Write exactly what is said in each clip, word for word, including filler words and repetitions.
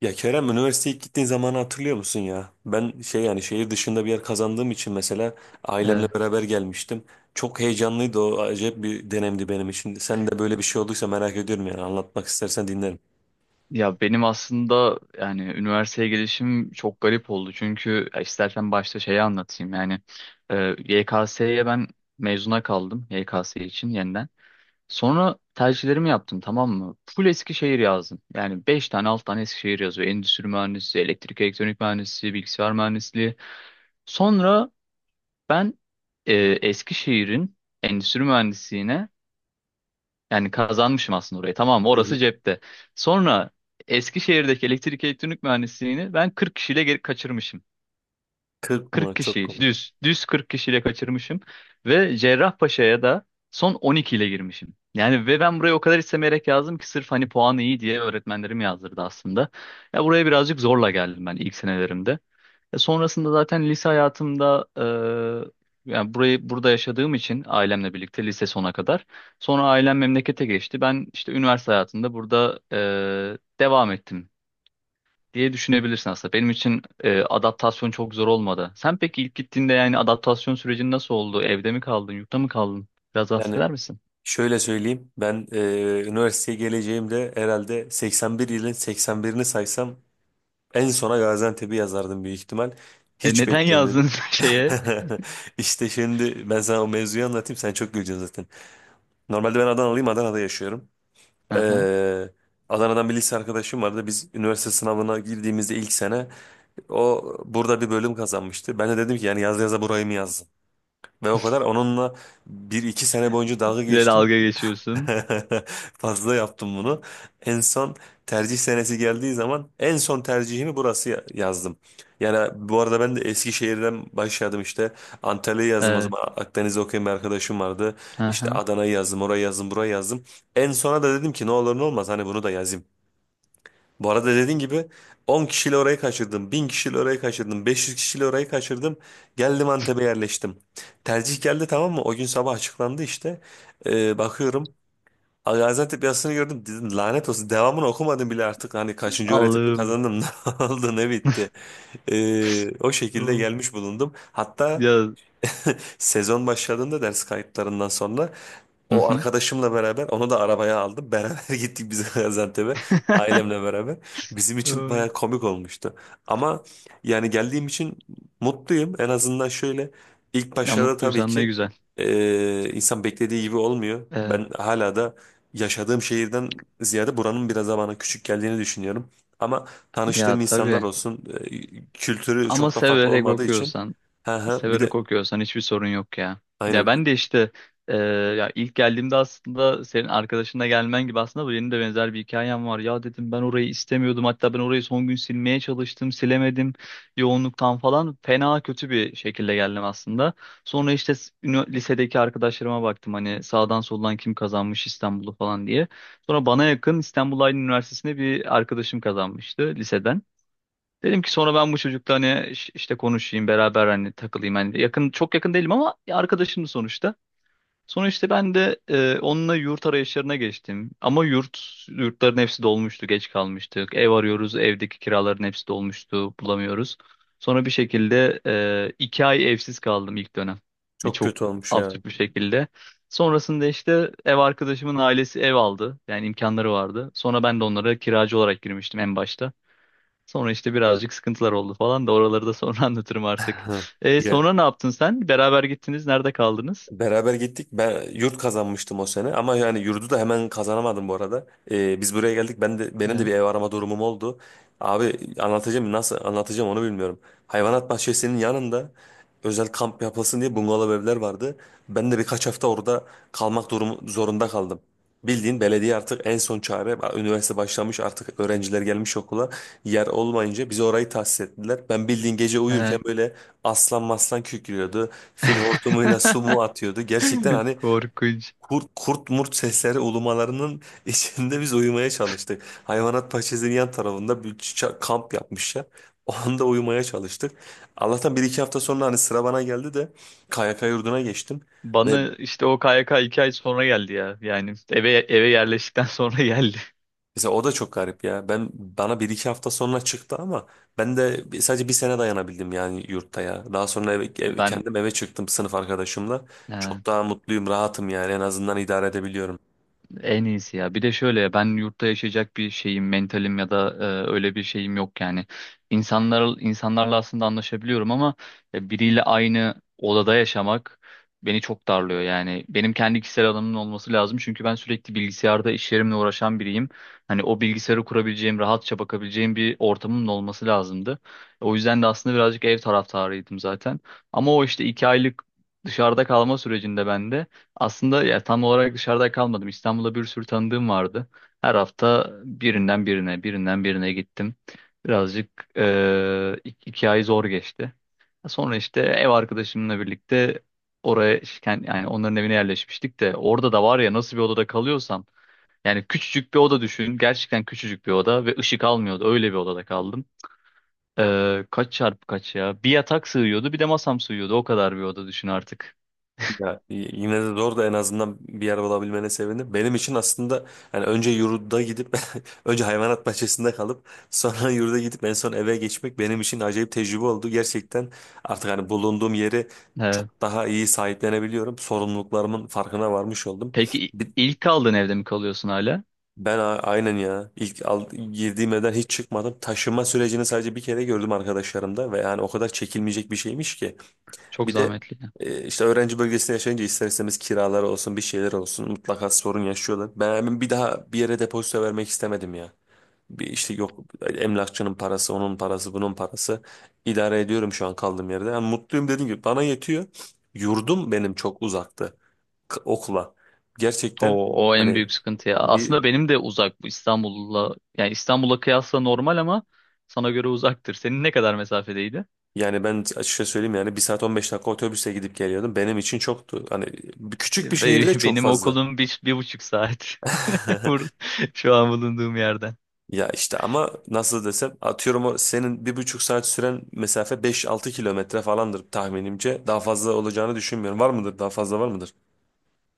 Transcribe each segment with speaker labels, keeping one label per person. Speaker 1: Ya Kerem üniversiteye ilk gittiğin zamanı hatırlıyor musun ya? Ben şey yani şehir dışında bir yer kazandığım için mesela ailemle
Speaker 2: Evet.
Speaker 1: beraber gelmiştim. Çok heyecanlıydı, o acayip bir dönemdi benim için. Sen de böyle bir şey olduysa merak ediyorum, yani anlatmak istersen dinlerim.
Speaker 2: Ya benim aslında yani üniversiteye gelişim çok garip oldu. Çünkü ya istersen başta şeyi anlatayım. Yani e, Y K S'ye ben mezuna kaldım Y K S için yeniden. Sonra tercihlerimi yaptım, tamam mı? Full Eskişehir yazdım. Yani beş tane, altı tane Eskişehir yazıyor. Endüstri mühendisi, elektrik elektronik mühendisi, bilgisayar mühendisliği. Sonra ben e, Eskişehir'in endüstri mühendisliğine, yani kazanmışım aslında orayı. Tamam,
Speaker 1: Hı
Speaker 2: orası
Speaker 1: hı.
Speaker 2: cepte. Sonra Eskişehir'deki elektrik elektronik mühendisliğini ben kırk kişiyle geri kaçırmışım.
Speaker 1: kırk
Speaker 2: kırk
Speaker 1: mı? Çok
Speaker 2: kişi
Speaker 1: komik.
Speaker 2: düz. Düz kırk kişiyle kaçırmışım. Ve Cerrahpaşa'ya da son on iki ile girmişim. Yani ve ben buraya o kadar istemeyerek yazdım ki sırf hani puanı iyi diye öğretmenlerim yazdırdı aslında. Ya buraya birazcık zorla geldim ben ilk senelerimde. E, Sonrasında zaten lise hayatımda e, yani burayı burada yaşadığım için ailemle birlikte lise sona kadar. Sonra ailem memlekete geçti. Ben işte üniversite hayatında burada e, devam ettim diye düşünebilirsin aslında. Benim için e, adaptasyon çok zor olmadı. Sen peki ilk gittiğinde yani adaptasyon sürecin nasıl oldu? Evde mi kaldın, yurtta mı kaldın? Biraz
Speaker 1: Yani
Speaker 2: bahseder misin?
Speaker 1: şöyle söyleyeyim, ben e, üniversiteye geleceğimde herhalde seksen bir yılın seksen birini saysam en sona Gaziantep'i yazardım büyük ihtimal.
Speaker 2: E,
Speaker 1: Hiç
Speaker 2: neden yazdın
Speaker 1: beklemiyordum.
Speaker 2: şeye?
Speaker 1: İşte şimdi ben sana o mevzuyu anlatayım, sen çok güleceksin zaten. Normalde ben Adanalıyım. Adana'da yaşıyorum.
Speaker 2: Aha.
Speaker 1: Ee, Adana'dan bir lise arkadaşım vardı. Biz üniversite sınavına girdiğimizde ilk sene o burada bir bölüm kazanmıştı. Ben de dedim ki yani yaz yaza burayı mı yazdım? Ve o kadar onunla bir iki sene boyunca dalga
Speaker 2: Bir de
Speaker 1: geçtim.
Speaker 2: dalga geçiyorsun.
Speaker 1: Fazla yaptım bunu. En son tercih senesi geldiği zaman en son tercihimi burası ya- yazdım. Yani bu arada ben de Eskişehir'den başladım işte. Antalya'yı yazdım o
Speaker 2: Evet.
Speaker 1: zaman. Akdeniz'de okuyan bir arkadaşım vardı. İşte
Speaker 2: Aha.
Speaker 1: Adana'yı yazdım, orayı yazdım, burayı yazdım. En sona da dedim ki ne olur ne olmaz hani bunu da yazayım. Bu arada dediğin gibi on kişiyle orayı kaçırdım, bin kişiyle orayı kaçırdım, beş yüz kişiyle orayı kaçırdım. Geldim Antep'e yerleştim. Tercih geldi, tamam mı? O gün sabah açıklandı işte. Ee, bakıyorum, Gaziantep yazısını gördüm, dedim lanet olsun, devamını okumadım bile artık hani kaçıncı öğretimde
Speaker 2: Allah'ım.
Speaker 1: kazandım ne oldu ne bitti. Ee, o şekilde
Speaker 2: Oo.
Speaker 1: gelmiş bulundum hatta.
Speaker 2: Ya.
Speaker 1: Sezon başladığında ders kayıtlarından sonra
Speaker 2: Hı
Speaker 1: o
Speaker 2: hı.
Speaker 1: arkadaşımla beraber onu da arabaya aldım. Beraber gittik biz Gaziantep'e ailemle beraber. Bizim için
Speaker 2: Oo.
Speaker 1: baya komik olmuştu. Ama yani geldiğim için mutluyum. En azından şöyle ilk
Speaker 2: Ya,
Speaker 1: başlarda tabii
Speaker 2: mutluysan ne
Speaker 1: ki
Speaker 2: güzel.
Speaker 1: e, insan beklediği gibi olmuyor.
Speaker 2: Evet.
Speaker 1: Ben hala da yaşadığım şehirden ziyade buranın biraz daha bana küçük geldiğini düşünüyorum. Ama
Speaker 2: Ya,
Speaker 1: tanıştığım insanlar
Speaker 2: tabii.
Speaker 1: olsun, e, kültürü
Speaker 2: Ama
Speaker 1: çok da farklı
Speaker 2: severek
Speaker 1: olmadığı için.
Speaker 2: okuyorsan,
Speaker 1: Hı hı. Bir de
Speaker 2: severek okuyorsan hiçbir sorun yok ya. Ya ben
Speaker 1: aynen.
Speaker 2: de işte e, ya ilk geldiğimde aslında senin arkadaşınla gelmen gibi aslında bu benim de benzer bir hikayem var. Ya dedim, ben orayı istemiyordum. Hatta ben orayı son gün silmeye çalıştım, silemedim yoğunluktan falan. Fena kötü bir şekilde geldim aslında. Sonra işte s- ünü- lisedeki arkadaşlarıma baktım hani sağdan soldan kim kazanmış İstanbul'u falan diye. Sonra bana yakın İstanbul Aydın Üniversitesi'ne bir arkadaşım kazanmıştı liseden. Dedim ki sonra ben bu çocukla hani iş- işte konuşayım beraber, hani takılayım. Hani yakın, çok yakın değilim ama arkadaşım sonuçta. Sonra işte ben de e, onunla yurt arayışlarına geçtim. Ama yurt yurtların hepsi dolmuştu, geç kalmıştık. Ev arıyoruz, evdeki kiraların hepsi dolmuştu, bulamıyoruz. Sonra bir şekilde e, iki ay evsiz kaldım ilk dönem. Yani
Speaker 1: Çok
Speaker 2: çok
Speaker 1: kötü olmuş ya.
Speaker 2: absürt bir şekilde. Sonrasında işte ev arkadaşımın ailesi ev aldı. Yani imkanları vardı. Sonra ben de onlara kiracı olarak girmiştim en başta. Sonra işte birazcık sıkıntılar oldu falan da oraları da sonra anlatırım artık.
Speaker 1: Ha.
Speaker 2: E,
Speaker 1: Ya,
Speaker 2: sonra ne yaptın sen? Beraber gittiniz. Nerede kaldınız?
Speaker 1: beraber gittik. Ben yurt kazanmıştım o sene, ama yani yurdu da hemen kazanamadım bu arada. Ee, biz buraya geldik. Ben de benim de
Speaker 2: Evet.
Speaker 1: bir ev arama durumum oldu. Abi anlatacağım, nasıl anlatacağım onu bilmiyorum. Hayvanat bahçesinin yanında özel kamp yapılsın diye bungalov evler vardı. Ben de birkaç hafta orada kalmak durumu zorunda kaldım. Bildiğin belediye artık en son çare. Üniversite başlamış artık, öğrenciler gelmiş okula. Yer olmayınca bize orayı tahsis ettiler. Ben bildiğin gece
Speaker 2: Evet.
Speaker 1: uyurken böyle aslan maslan kükrüyordu. Fil hortumuyla su mu atıyordu? Gerçekten hani
Speaker 2: Korkunç.
Speaker 1: kurt kurt murt sesleri ulumalarının içinde biz uyumaya çalıştık. Hayvanat bahçesinin yan tarafında bir ça- kamp yapmışlar. O anda uyumaya çalıştık. Allah'tan bir iki hafta sonra hani sıra bana geldi de K Y K yurduna geçtim. Ve
Speaker 2: Bana işte o K Y K iki ay sonra geldi ya. Yani eve eve yerleştikten sonra geldi.
Speaker 1: mesela o da çok garip ya. Ben bana bir iki hafta sonra çıktı ama ben de bir- sadece bir sene dayanabildim yani yurtta ya. Daha sonra eve, ev-
Speaker 2: Ben
Speaker 1: kendim eve çıktım sınıf arkadaşımla. Çok daha mutluyum, rahatım yani, en azından idare edebiliyorum.
Speaker 2: En iyisi ya. Bir de şöyle ben yurtta yaşayacak bir şeyim, mentalim ya da e, öyle bir şeyim yok yani. İnsanlar insanlarla aslında anlaşabiliyorum ama e, biriyle aynı odada yaşamak beni çok darlıyor yani. Benim kendi kişisel alanımın olması lazım çünkü ben sürekli bilgisayarda iş yerimle uğraşan biriyim. Hani o bilgisayarı kurabileceğim, rahatça bakabileceğim bir ortamımın olması lazımdı. O yüzden de aslında birazcık ev taraftarıydım zaten. Ama o işte iki aylık dışarıda kalma sürecinde bende. Aslında ya, tam olarak dışarıda kalmadım. İstanbul'da bir sürü tanıdığım vardı. Her hafta birinden birine, birinden birine gittim. Birazcık eee, ik- iki ay zor geçti. Sonra işte ev arkadaşımla birlikte oraya, yani, yani onların evine yerleşmiştik de orada da var ya, nasıl bir odada kalıyorsam yani küçücük bir oda düşün. Gerçekten küçücük bir oda ve ışık almıyordu. Öyle bir odada kaldım. Eee, kaç çarpı kaç ya? Bir yatak sığıyordu, bir de masam sığıyordu. O kadar bir oda düşün artık.
Speaker 1: Ya y- yine de zor da, en azından bir yer bulabilmene sevindim. Benim için aslında yani önce yurda gidip önce hayvanat bahçesinde kalıp sonra yurda gidip en son eve geçmek benim için acayip tecrübe oldu. Gerçekten artık hani bulunduğum yeri çok daha iyi sahiplenebiliyorum. Sorumluluklarımın farkına varmış oldum.
Speaker 2: Peki,
Speaker 1: Bir-
Speaker 2: ilk kaldığın evde mi kalıyorsun hala?
Speaker 1: Ben a- aynen ya, ilk al- girdiğim evden hiç çıkmadım. Taşınma sürecini sadece bir kere gördüm arkadaşlarımda ve yani o kadar çekilmeyecek bir şeymiş ki.
Speaker 2: Çok
Speaker 1: Bir de
Speaker 2: zahmetli.
Speaker 1: e, işte öğrenci bölgesinde yaşayınca ister istemez kiralar olsun bir şeyler olsun mutlaka sorun yaşıyorlar. Ben hemen bir daha bir yere depozito vermek istemedim ya. Bir işte yok, emlakçının parası, onun parası, bunun parası, idare ediyorum şu an kaldığım yerde. Yani mutluyum, dediğim gibi bana yetiyor. Yurdum benim çok uzaktı k- okula. Gerçekten
Speaker 2: O, o en
Speaker 1: hani
Speaker 2: büyük sıkıntı ya.
Speaker 1: bir
Speaker 2: Aslında benim de uzak bu İstanbul'la. Yani İstanbul'a kıyasla normal ama sana göre uzaktır. Senin ne kadar mesafedeydi?
Speaker 1: yani ben açıkça söyleyeyim yani bir saat on beş dakika otobüse gidip geliyordum. Benim için çoktu. Hani bir- küçük bir
Speaker 2: E, be-
Speaker 1: şehirde çok
Speaker 2: Benim
Speaker 1: fazla.
Speaker 2: okulum bir, bir buçuk saat. Bur- Şu an bulunduğum yerden.
Speaker 1: Ya işte ama nasıl desem atıyorum, o senin bir buçuk saat süren mesafe beş altı kilometre falandır tahminimce. Daha fazla olacağını düşünmüyorum. Var mıdır? Daha fazla var mıdır?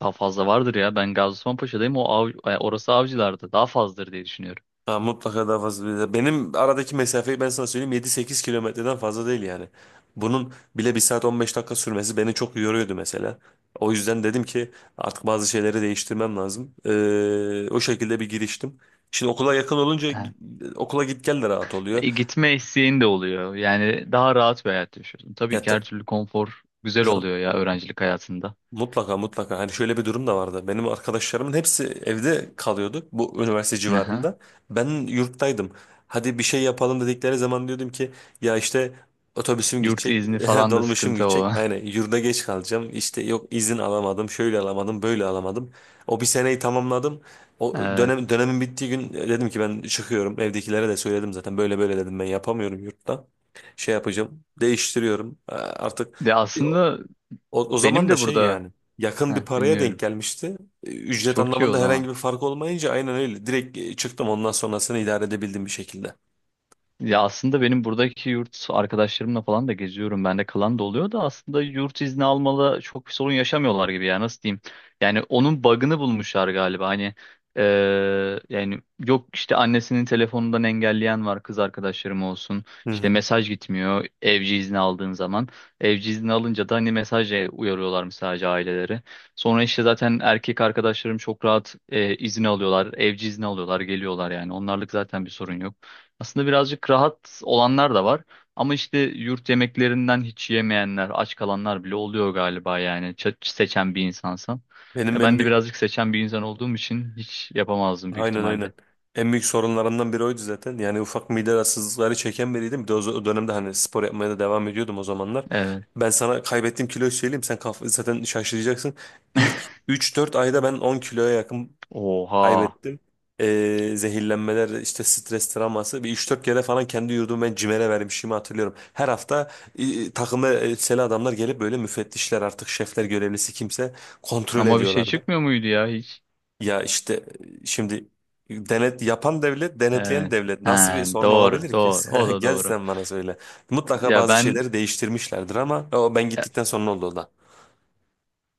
Speaker 2: Daha fazla vardır ya. Ben Gaziosmanpaşa'dayım. O av, e, orası Avcılar'da. Daha fazladır diye düşünüyorum.
Speaker 1: Ha, mutlaka daha fazla. Benim aradaki mesafeyi ben sana söyleyeyim, yedi sekiz kilometreden fazla değil yani. Bunun bile bir saat on beş dakika sürmesi beni çok yoruyordu mesela. O yüzden dedim ki artık bazı şeyleri değiştirmem lazım. Ee, o şekilde bir giriştim. Şimdi okula yakın olunca e,
Speaker 2: Evet.
Speaker 1: okula git gel de rahat oluyor.
Speaker 2: E, gitme isteğin de oluyor. Yani daha rahat bir hayat yaşıyorsun.
Speaker 1: Ya
Speaker 2: Tabii ki her türlü konfor güzel
Speaker 1: ta-
Speaker 2: oluyor ya öğrencilik hayatında.
Speaker 1: Mutlaka mutlaka. Hani şöyle bir durum da vardı. Benim arkadaşlarımın hepsi evde kalıyordu bu üniversite
Speaker 2: Aha.
Speaker 1: civarında. Ben yurttaydım. Hadi bir şey yapalım dedikleri zaman diyordum ki ya işte otobüsüm
Speaker 2: Yurt
Speaker 1: gidecek,
Speaker 2: izni falan da
Speaker 1: dolmuşum
Speaker 2: sıkıntı
Speaker 1: gidecek.
Speaker 2: olan.
Speaker 1: Yani yurda geç kalacağım. İşte yok izin alamadım, şöyle alamadım, böyle alamadım. O bir seneyi tamamladım. O
Speaker 2: Ee,
Speaker 1: dönem dönemin bittiği gün dedim ki ben çıkıyorum. Evdekilere de söyledim zaten. Böyle böyle dedim, ben yapamıyorum yurtta. Şey yapacağım. Değiştiriyorum. Ee, Artık
Speaker 2: De aslında
Speaker 1: o, o
Speaker 2: benim
Speaker 1: zaman da
Speaker 2: de
Speaker 1: şey
Speaker 2: burada.
Speaker 1: yani yakın bir
Speaker 2: Heh,
Speaker 1: paraya denk
Speaker 2: dinliyorum.
Speaker 1: gelmişti. E, Ücret
Speaker 2: Çok iyi o
Speaker 1: anlamında herhangi
Speaker 2: zaman.
Speaker 1: bir fark olmayınca aynen öyle. Direkt e, çıktım, ondan sonrasını idare edebildim bir şekilde.
Speaker 2: Ya aslında benim buradaki yurt arkadaşlarımla falan da geziyorum. Bende kalan da oluyor da aslında yurt izni almalı çok bir sorun yaşamıyorlar gibi ya, nasıl diyeyim. Yani onun bug'ını bulmuşlar galiba. Hani eee, yani yok işte annesinin telefonundan engelleyen var kız arkadaşlarım olsun.
Speaker 1: Hı
Speaker 2: İşte
Speaker 1: hı.
Speaker 2: mesaj gitmiyor evci izni aldığın zaman. Evci izni alınca da hani mesajla uyarıyorlar sadece aileleri. Sonra işte zaten erkek arkadaşlarım çok rahat eee, izin alıyorlar. Evci izni alıyorlar, geliyorlar yani. Onlarlık zaten bir sorun yok. Aslında birazcık rahat olanlar da var. Ama işte yurt yemeklerinden hiç yemeyenler, aç kalanlar bile oluyor galiba yani. Ç- seçen bir insansan.
Speaker 1: Benim
Speaker 2: Ya
Speaker 1: en
Speaker 2: ben de
Speaker 1: büyük,
Speaker 2: birazcık seçen bir insan olduğum için hiç yapamazdım büyük
Speaker 1: aynen aynen.
Speaker 2: ihtimalle.
Speaker 1: En büyük sorunlarımdan biri oydu zaten. Yani ufak mide rahatsızlıkları çeken biriydim. Bir de o z- o dönemde hani spor yapmaya da devam ediyordum o zamanlar.
Speaker 2: Evet.
Speaker 1: Ben sana kaybettiğim kiloyu söyleyeyim. Sen kaf zaten şaşıracaksın. İlk üç dört ayda ben on kiloya yakın
Speaker 2: Oha.
Speaker 1: kaybettim. Ee, zehirlenmeler, işte stres travması. Bir üç dört kere falan kendi yurdumu ben CİMER'e vermişimi hatırlıyorum. Her hafta e, takımda elbiseli adamlar gelip böyle müfettişler artık şefler görevlisi kimse kontrol
Speaker 2: Ama bir şey
Speaker 1: ediyorlardı.
Speaker 2: çıkmıyor muydu ya hiç?
Speaker 1: Ya işte e, şimdi denet yapan devlet, denetleyen
Speaker 2: Evet.
Speaker 1: devlet nasıl bir
Speaker 2: Ha,
Speaker 1: sorun
Speaker 2: doğru,
Speaker 1: olabilir ki?
Speaker 2: doğru. O
Speaker 1: Sen-
Speaker 2: da
Speaker 1: Gel
Speaker 2: doğru.
Speaker 1: sen bana söyle. Mutlaka
Speaker 2: Ya
Speaker 1: bazı
Speaker 2: ben
Speaker 1: şeyleri değiştirmişlerdir, ama o ben gittikten sonra oldu o da.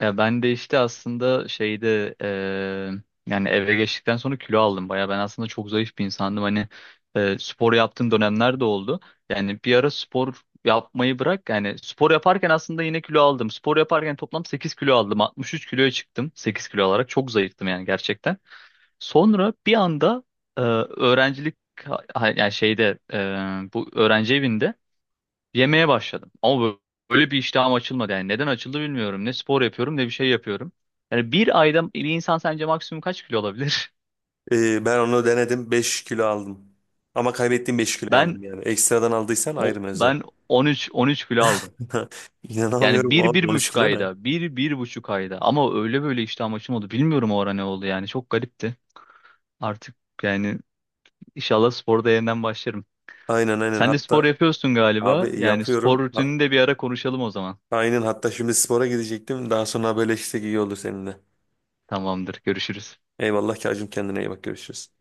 Speaker 2: Ya ben de işte aslında şeyde eee, yani eve geçtikten sonra kilo aldım. Baya ben aslında çok zayıf bir insandım. Hani eee, spor yaptığım dönemler de oldu. Yani bir ara spor yapmayı bırak. Yani spor yaparken aslında yine kilo aldım. Spor yaparken toplam sekiz kilo aldım. altmış üç kiloya çıktım. Sekiz kilo olarak çok zayıftım yani gerçekten. Sonra bir anda eee, öğrencilik ha- yani şeyde eee, bu öğrenci evinde yemeye başladım. Ama bö- böyle bir iştahım açılmadı. Yani neden açıldı bilmiyorum. Ne spor yapıyorum ne bir şey yapıyorum. Yani bir ayda bir insan sence maksimum kaç kilo olabilir?
Speaker 1: Ee, ben onu denedim, beş kilo aldım. Ama kaybettiğim beş kiloyu
Speaker 2: Ben
Speaker 1: aldım yani. Ekstradan aldıysan
Speaker 2: o
Speaker 1: ayrı mevzu.
Speaker 2: ben on üç on üç kilo aldım. Yani
Speaker 1: İnanamıyorum
Speaker 2: bir,
Speaker 1: abi,
Speaker 2: bir
Speaker 1: on üç
Speaker 2: buçuk
Speaker 1: kilo ne?
Speaker 2: ayda. Bir, bir buçuk ayda. Ama öyle böyle iştahım açılmadı. Bilmiyorum o ara ne oldu yani. Çok garipti. Artık yani inşallah sporda yeniden başlarım.
Speaker 1: Aynen aynen,
Speaker 2: Sen de spor
Speaker 1: hatta
Speaker 2: yapıyorsun galiba.
Speaker 1: abi
Speaker 2: Yani spor
Speaker 1: yapıyorum. Ha-
Speaker 2: rutinini de bir ara konuşalım o zaman.
Speaker 1: Aynen, hatta şimdi spora gidecektim. Daha sonra haberleşsek iyi olur seninle.
Speaker 2: Tamamdır. Görüşürüz.
Speaker 1: Eyvallah Kacım, kendine iyi bak, görüşürüz.